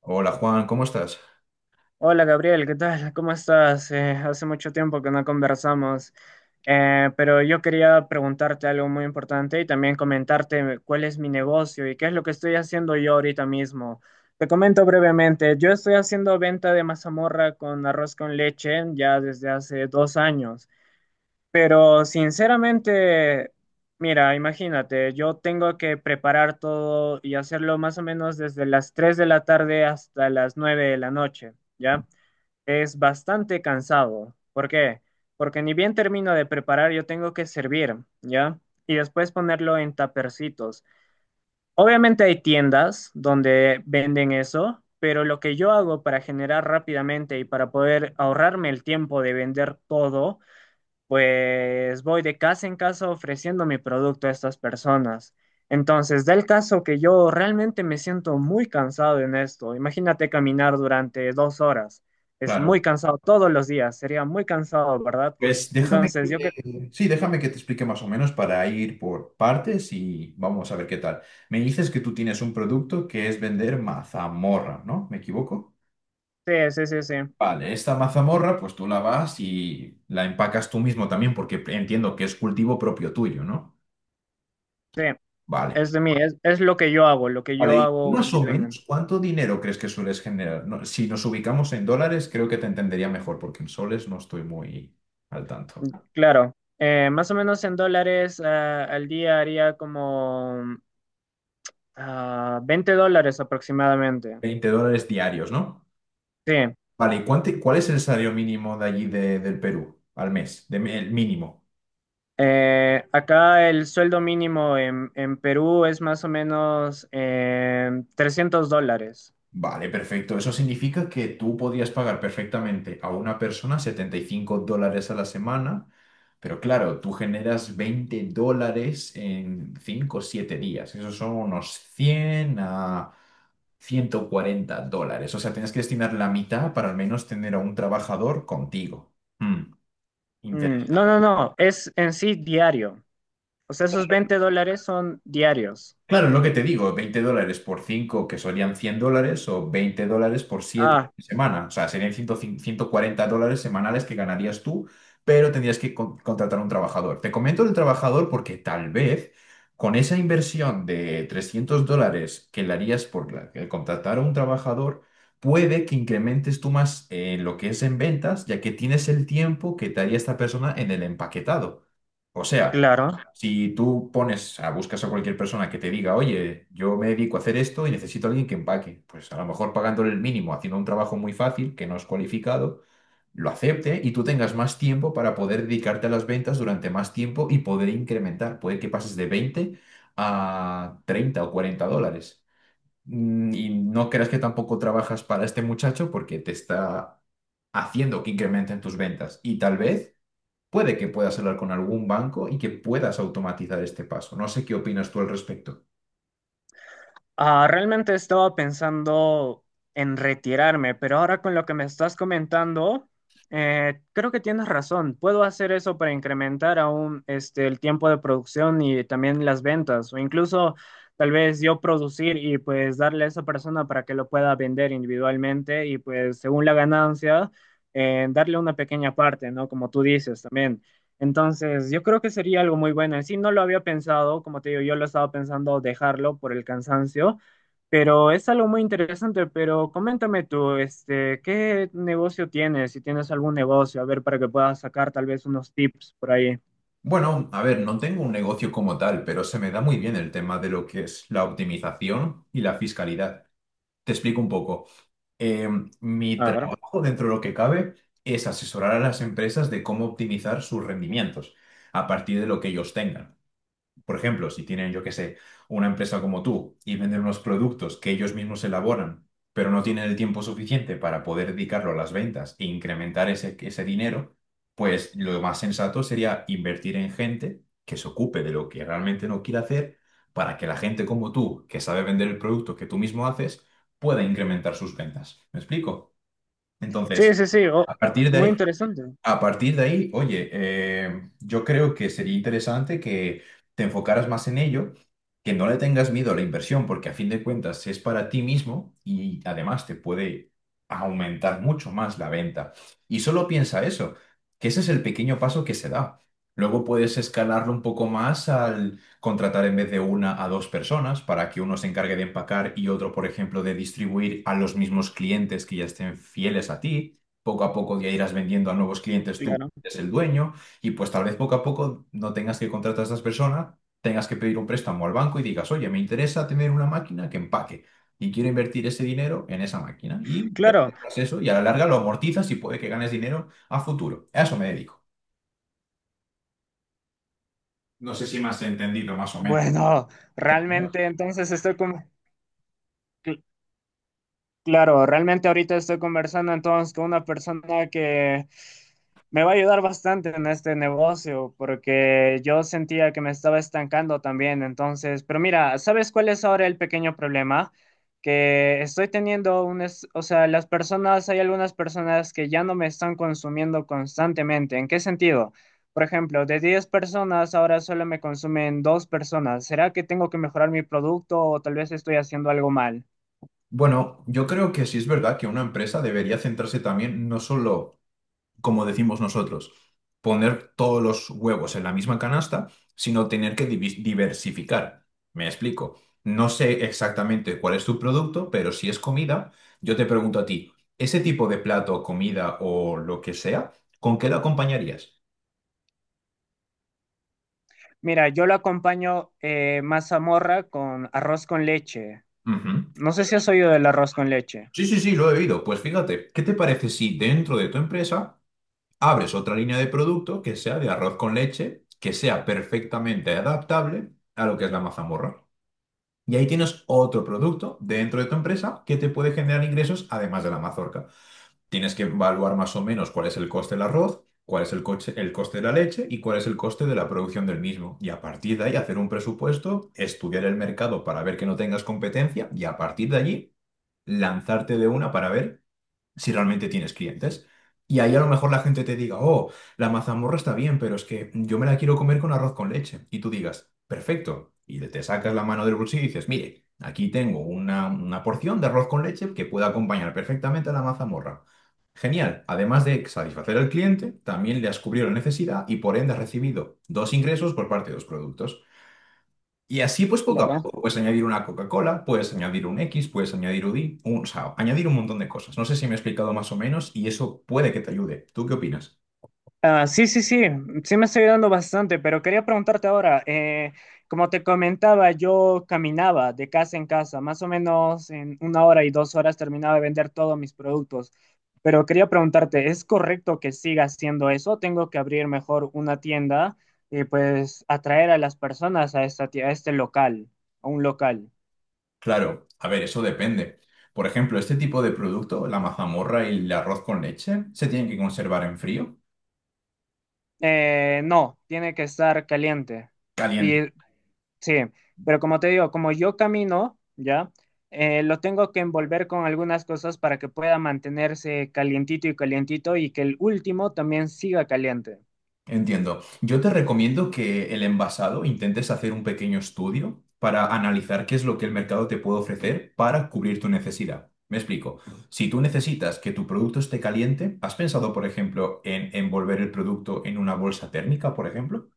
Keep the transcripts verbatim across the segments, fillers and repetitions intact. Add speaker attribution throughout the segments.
Speaker 1: Hola Juan, ¿cómo estás?
Speaker 2: Hola Gabriel, ¿qué tal? ¿Cómo estás? Eh, hace mucho tiempo que no conversamos. Eh, pero yo quería preguntarte algo muy importante y también comentarte cuál es mi negocio y qué es lo que estoy haciendo yo ahorita mismo. Te comento brevemente, yo estoy haciendo venta de mazamorra con arroz con leche ya desde hace dos años, pero sinceramente, mira, imagínate, yo tengo que preparar todo y hacerlo más o menos desde las tres de la tarde hasta las nueve de la noche. ¿Ya? Es bastante cansado. ¿Por qué? Porque ni bien termino de preparar, yo tengo que servir, ¿ya? Y después ponerlo en tapercitos. Obviamente hay tiendas donde venden eso, pero lo que yo hago para generar rápidamente y para poder ahorrarme el tiempo de vender todo, pues voy de casa en casa ofreciendo mi producto a estas personas. Entonces, del caso que yo realmente me siento muy cansado en esto, imagínate caminar durante dos horas, es muy
Speaker 1: Claro.
Speaker 2: cansado todos los días, sería muy cansado, ¿verdad?
Speaker 1: Pues déjame que
Speaker 2: Entonces, yo creo
Speaker 1: te- sí, déjame que te explique más o menos para ir por partes y vamos a ver qué tal. Me dices que tú tienes un producto que es vender mazamorra, ¿no? ¿Me equivoco?
Speaker 2: que sí, sí, sí, sí,
Speaker 1: Vale, esta mazamorra, pues tú la vas y la empacas tú mismo también, porque entiendo que es cultivo propio tuyo, ¿no?
Speaker 2: sí,
Speaker 1: Vale.
Speaker 2: es de mí, es, es lo que yo hago, lo que
Speaker 1: Vale,
Speaker 2: yo
Speaker 1: y tú
Speaker 2: hago
Speaker 1: más o
Speaker 2: individualmente.
Speaker 1: menos, ¿cuánto dinero crees que sueles generar? No, si nos ubicamos en dólares, creo que te entendería mejor, porque en soles no estoy muy al tanto.
Speaker 2: Claro, eh, más o menos en dólares, eh, al día haría como ah, veinte dólares aproximadamente.
Speaker 1: Veinte dólares diarios, ¿no?
Speaker 2: Sí.
Speaker 1: Vale, ¿y cuánto- cuál es el salario mínimo de allí de- del Perú al mes? De- el mínimo.
Speaker 2: Eh, acá el sueldo mínimo en, en Perú es más o menos, eh, trescientos dólares.
Speaker 1: Vale, perfecto. Eso significa que tú podrías pagar perfectamente a una persona setenta y cinco dólares a la semana, pero claro, tú generas veinte dólares en cinco o siete días. Esos son unos cien a ciento cuarenta dólares. O sea, tienes que destinar la mitad para al menos tener a un trabajador contigo. Mm.
Speaker 2: Mm, no, no, no, es en sí diario. O sea, esos veinte dólares son diarios.
Speaker 1: Claro, es lo que te digo, veinte dólares por cinco que serían cien dólares, o veinte dólares por
Speaker 2: Ah,
Speaker 1: siete semanas. O sea, serían ciento ciento cuarenta dólares semanales que ganarías tú, pero tendrías que con- contratar a un trabajador. Te comento el trabajador porque tal vez con esa inversión de trescientos dólares que le harías por la- el contratar a un trabajador, puede que incrementes tú más eh, lo que es en ventas, ya que tienes el tiempo que te haría esta persona en el empaquetado. O sea,
Speaker 2: claro.
Speaker 1: si tú pones, a, buscas a cualquier persona que te diga, oye, yo me dedico a hacer esto y necesito a alguien que empaque, pues a lo mejor pagándole el mínimo, haciendo un trabajo muy fácil, que no es cualificado, lo acepte y tú tengas más tiempo para poder dedicarte a las ventas durante más tiempo y poder incrementar. Puede que pases de veinte a treinta o cuarenta dólares. Mm, Y no creas que tampoco trabajas para este muchacho porque te está haciendo que incrementen tus ventas. Y tal vez puede que puedas hablar con algún banco y que puedas automatizar este paso. No sé qué opinas tú al respecto.
Speaker 2: Ah, realmente estaba pensando en retirarme, pero ahora con lo que me estás comentando, eh, creo que tienes razón. Puedo hacer eso para incrementar aún este, el tiempo de producción y también las ventas, o incluso tal vez yo producir y pues darle a esa persona para que lo pueda vender individualmente y pues según la ganancia, eh, darle una pequeña parte, ¿no? Como tú dices también. Entonces, yo creo que sería algo muy bueno. En sí, no lo había pensado, como te digo, yo lo estaba pensando dejarlo por el cansancio, pero es algo muy interesante. Pero coméntame tú, este, ¿qué negocio tienes? Si tienes algún negocio, a ver, para que puedas sacar tal vez unos tips por ahí.
Speaker 1: Bueno, a ver, no tengo un negocio como tal, pero se me da muy bien el tema de lo que es la optimización y la fiscalidad. Te explico un poco. Eh, Mi
Speaker 2: A ver.
Speaker 1: trabajo, dentro de lo que cabe, es asesorar a las empresas de cómo optimizar sus rendimientos a partir de lo que ellos tengan. Por ejemplo, si tienen, yo qué sé, una empresa como tú y venden unos productos que ellos mismos elaboran, pero no tienen el tiempo suficiente para poder dedicarlo a las ventas e incrementar ese, ese dinero, pues lo más sensato sería invertir en gente que se ocupe de lo que realmente no quiere hacer para que la gente como tú, que sabe vender el producto que tú mismo haces, pueda incrementar sus ventas. ¿Me explico?
Speaker 2: Sí,
Speaker 1: Entonces,
Speaker 2: sí, sí, oh,
Speaker 1: a partir de
Speaker 2: muy
Speaker 1: ahí...
Speaker 2: interesante.
Speaker 1: A partir de ahí, oye, eh, yo creo que sería interesante que te enfocaras más en ello, que no le tengas miedo a la inversión, porque a fin de cuentas es para ti mismo y además te puede aumentar mucho más la venta. Y solo piensa eso, que ese es el pequeño paso que se da. Luego puedes escalarlo un poco más al contratar en vez de una a dos personas para que uno se encargue de empacar y otro, por ejemplo, de distribuir a los mismos clientes que ya estén fieles a ti, poco a poco ya irás vendiendo a nuevos clientes. Tú
Speaker 2: Claro,
Speaker 1: eres el dueño, y pues tal vez poco a poco no tengas que contratar a estas personas, tengas que pedir un préstamo al banco y digas, oye, me interesa tener una máquina que empaque y quiero invertir ese dinero en esa máquina. Y ya te
Speaker 2: claro.
Speaker 1: compras eso y a la larga lo amortizas y puede que ganes dinero a futuro. A eso me dedico. No sé si me has entendido más o menos.
Speaker 2: Bueno,
Speaker 1: ¿Eh?
Speaker 2: realmente entonces estoy como. Claro, realmente ahorita estoy conversando entonces con una persona que me va a ayudar bastante en este negocio porque yo sentía que me estaba estancando también, entonces, pero mira, ¿sabes cuál es ahora el pequeño problema? Que estoy teniendo un, es- o sea, las personas, hay algunas personas que ya no me están consumiendo constantemente. ¿En qué sentido? Por ejemplo, de diez personas ahora solo me consumen dos personas. ¿Será que tengo que mejorar mi producto o tal vez estoy haciendo algo mal?
Speaker 1: Bueno, yo creo que sí es verdad que una empresa debería centrarse también, no solo, como decimos nosotros, poner todos los huevos en la misma canasta, sino tener que divi- diversificar. Me explico. No sé exactamente cuál es tu producto, pero si es comida, yo te pregunto a ti, ese tipo de plato, comida o lo que sea, ¿con qué lo acompañarías?
Speaker 2: Mira, yo lo acompaño, eh, mazamorra con arroz con leche.
Speaker 1: Ujú.
Speaker 2: No sé si has oído del arroz con leche.
Speaker 1: Sí, sí, sí, lo he oído. Pues fíjate, ¿qué te parece si dentro de tu empresa abres otra línea de producto que sea de arroz con leche, que sea perfectamente adaptable a lo que es la mazamorra? Y ahí tienes otro producto dentro de tu empresa que te puede generar ingresos además de la mazorca. Tienes que evaluar más o menos cuál es el coste del arroz, cuál es el coche- el coste de la leche y cuál es el coste de la producción del mismo. Y a partir de ahí hacer un presupuesto, estudiar el mercado para ver que no tengas competencia y a partir de allí lanzarte de una para ver si realmente tienes clientes. Y ahí a lo mejor la gente te diga, oh, la mazamorra está bien, pero es que yo me la quiero comer con arroz con leche. Y tú digas, perfecto. Y le- te sacas la mano del bolsillo y dices, mire, aquí tengo una, una porción de arroz con leche que puede acompañar perfectamente a la mazamorra. Genial. Además de satisfacer al cliente, también le has cubrido la necesidad y por ende has recibido dos ingresos por parte de los productos. Y así, pues poco a
Speaker 2: Claro.
Speaker 1: poco, puedes añadir una Coca-Cola, puedes añadir un X, puedes añadir un Y, un, o sea, añadir un montón de cosas. No sé si me he explicado más o menos y eso puede que te ayude. ¿Tú qué opinas?
Speaker 2: Ah, sí, sí, sí, sí me estoy ayudando bastante, pero quería preguntarte ahora, eh, como te comentaba, yo caminaba de casa en casa, más o menos en una hora y dos horas terminaba de vender todos mis productos, pero quería preguntarte, ¿es correcto que siga haciendo eso? ¿Tengo que abrir mejor una tienda y pues atraer a las personas a esta, tie- a este local, a un local?
Speaker 1: Claro, a ver, eso depende. Por ejemplo, este tipo de producto, la mazamorra y el arroz con leche, se tienen que conservar en frío.
Speaker 2: Eh, no, tiene que estar caliente. Y sí, pero como te digo, como yo camino, ya, eh, lo tengo que envolver con algunas cosas para que pueda mantenerse calientito y calientito y que el último también siga caliente.
Speaker 1: Entiendo. Yo te recomiendo que el envasado intentes hacer un pequeño estudio para analizar qué es lo que el mercado te puede ofrecer para cubrir tu necesidad. Me explico. Si tú necesitas que tu producto esté caliente, ¿has pensado, por ejemplo, en envolver el producto en una bolsa térmica, por ejemplo?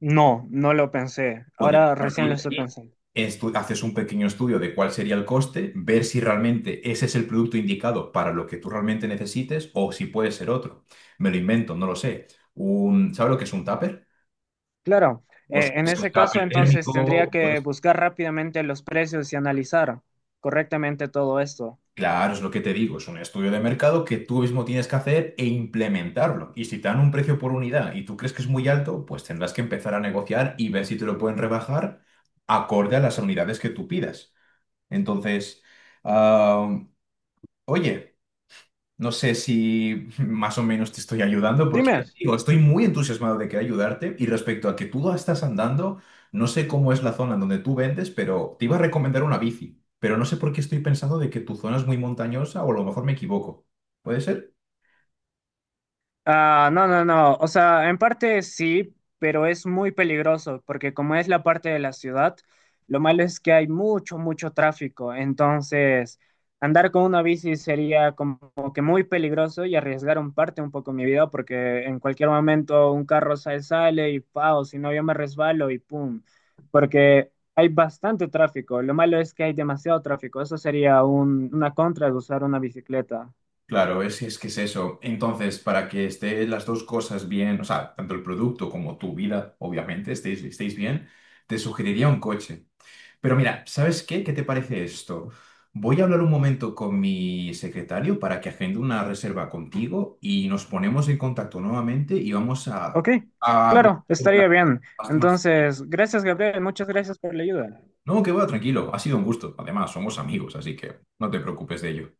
Speaker 2: No, no lo pensé.
Speaker 1: Podrías
Speaker 2: Ahora recién lo
Speaker 1: partir de
Speaker 2: estoy
Speaker 1: ahí.
Speaker 2: pensando.
Speaker 1: Estu- haces un pequeño estudio de cuál sería el coste, ver si realmente ese es el producto indicado para lo que tú realmente necesites o si puede ser otro. Me lo invento, no lo sé. Un, ¿sabes lo que es un tupper?
Speaker 2: Claro,
Speaker 1: Pues
Speaker 2: eh, en
Speaker 1: es un
Speaker 2: ese
Speaker 1: cambio
Speaker 2: caso entonces tendría
Speaker 1: térmico,
Speaker 2: que
Speaker 1: pues
Speaker 2: buscar rápidamente los precios y analizar correctamente todo esto.
Speaker 1: claro, es lo que te digo, es un estudio de mercado que tú mismo tienes que hacer e implementarlo. Y si te dan un precio por unidad y tú crees que es muy alto, pues tendrás que empezar a negociar y ver si te lo pueden rebajar acorde a las unidades que tú pidas. Entonces, ah, oye. No sé si más o menos te estoy ayudando, porque ya
Speaker 2: Dime.
Speaker 1: te digo, estoy muy entusiasmado de querer ayudarte. Y respecto a que tú estás andando, no sé cómo es la zona en donde tú vendes, pero te iba a recomendar una bici. Pero no sé por qué estoy pensando de que tu zona es muy montañosa o a lo mejor me equivoco. ¿Puede ser?
Speaker 2: Ah, no, no, no. O sea, en parte sí, pero es muy peligroso porque como es la parte de la ciudad, lo malo es que hay mucho, mucho tráfico. Entonces, andar con una bici sería como que muy peligroso y arriesgar un parte un poco mi vida porque en cualquier momento un carro sale, sale y pao, si no yo me resbalo y pum. Porque hay bastante tráfico. Lo malo es que hay demasiado tráfico. Eso sería un- una contra de usar una bicicleta.
Speaker 1: Claro, es, es que es eso. Entonces, para que estén las dos cosas bien, o sea, tanto el producto como tu vida, obviamente, estéis, estéis bien, te sugeriría un coche. Pero mira, ¿sabes qué? ¿Qué te parece esto? Voy a hablar un momento con mi secretario para que agende una reserva contigo y nos ponemos en contacto nuevamente y vamos
Speaker 2: Ok,
Speaker 1: a, a hablar
Speaker 2: claro,
Speaker 1: sobre
Speaker 2: estaría bien.
Speaker 1: las más.
Speaker 2: Entonces, gracias, Gabriel, muchas gracias por la ayuda.
Speaker 1: No, que va, tranquilo. Ha sido un gusto. Además, somos amigos, así que no te preocupes de ello.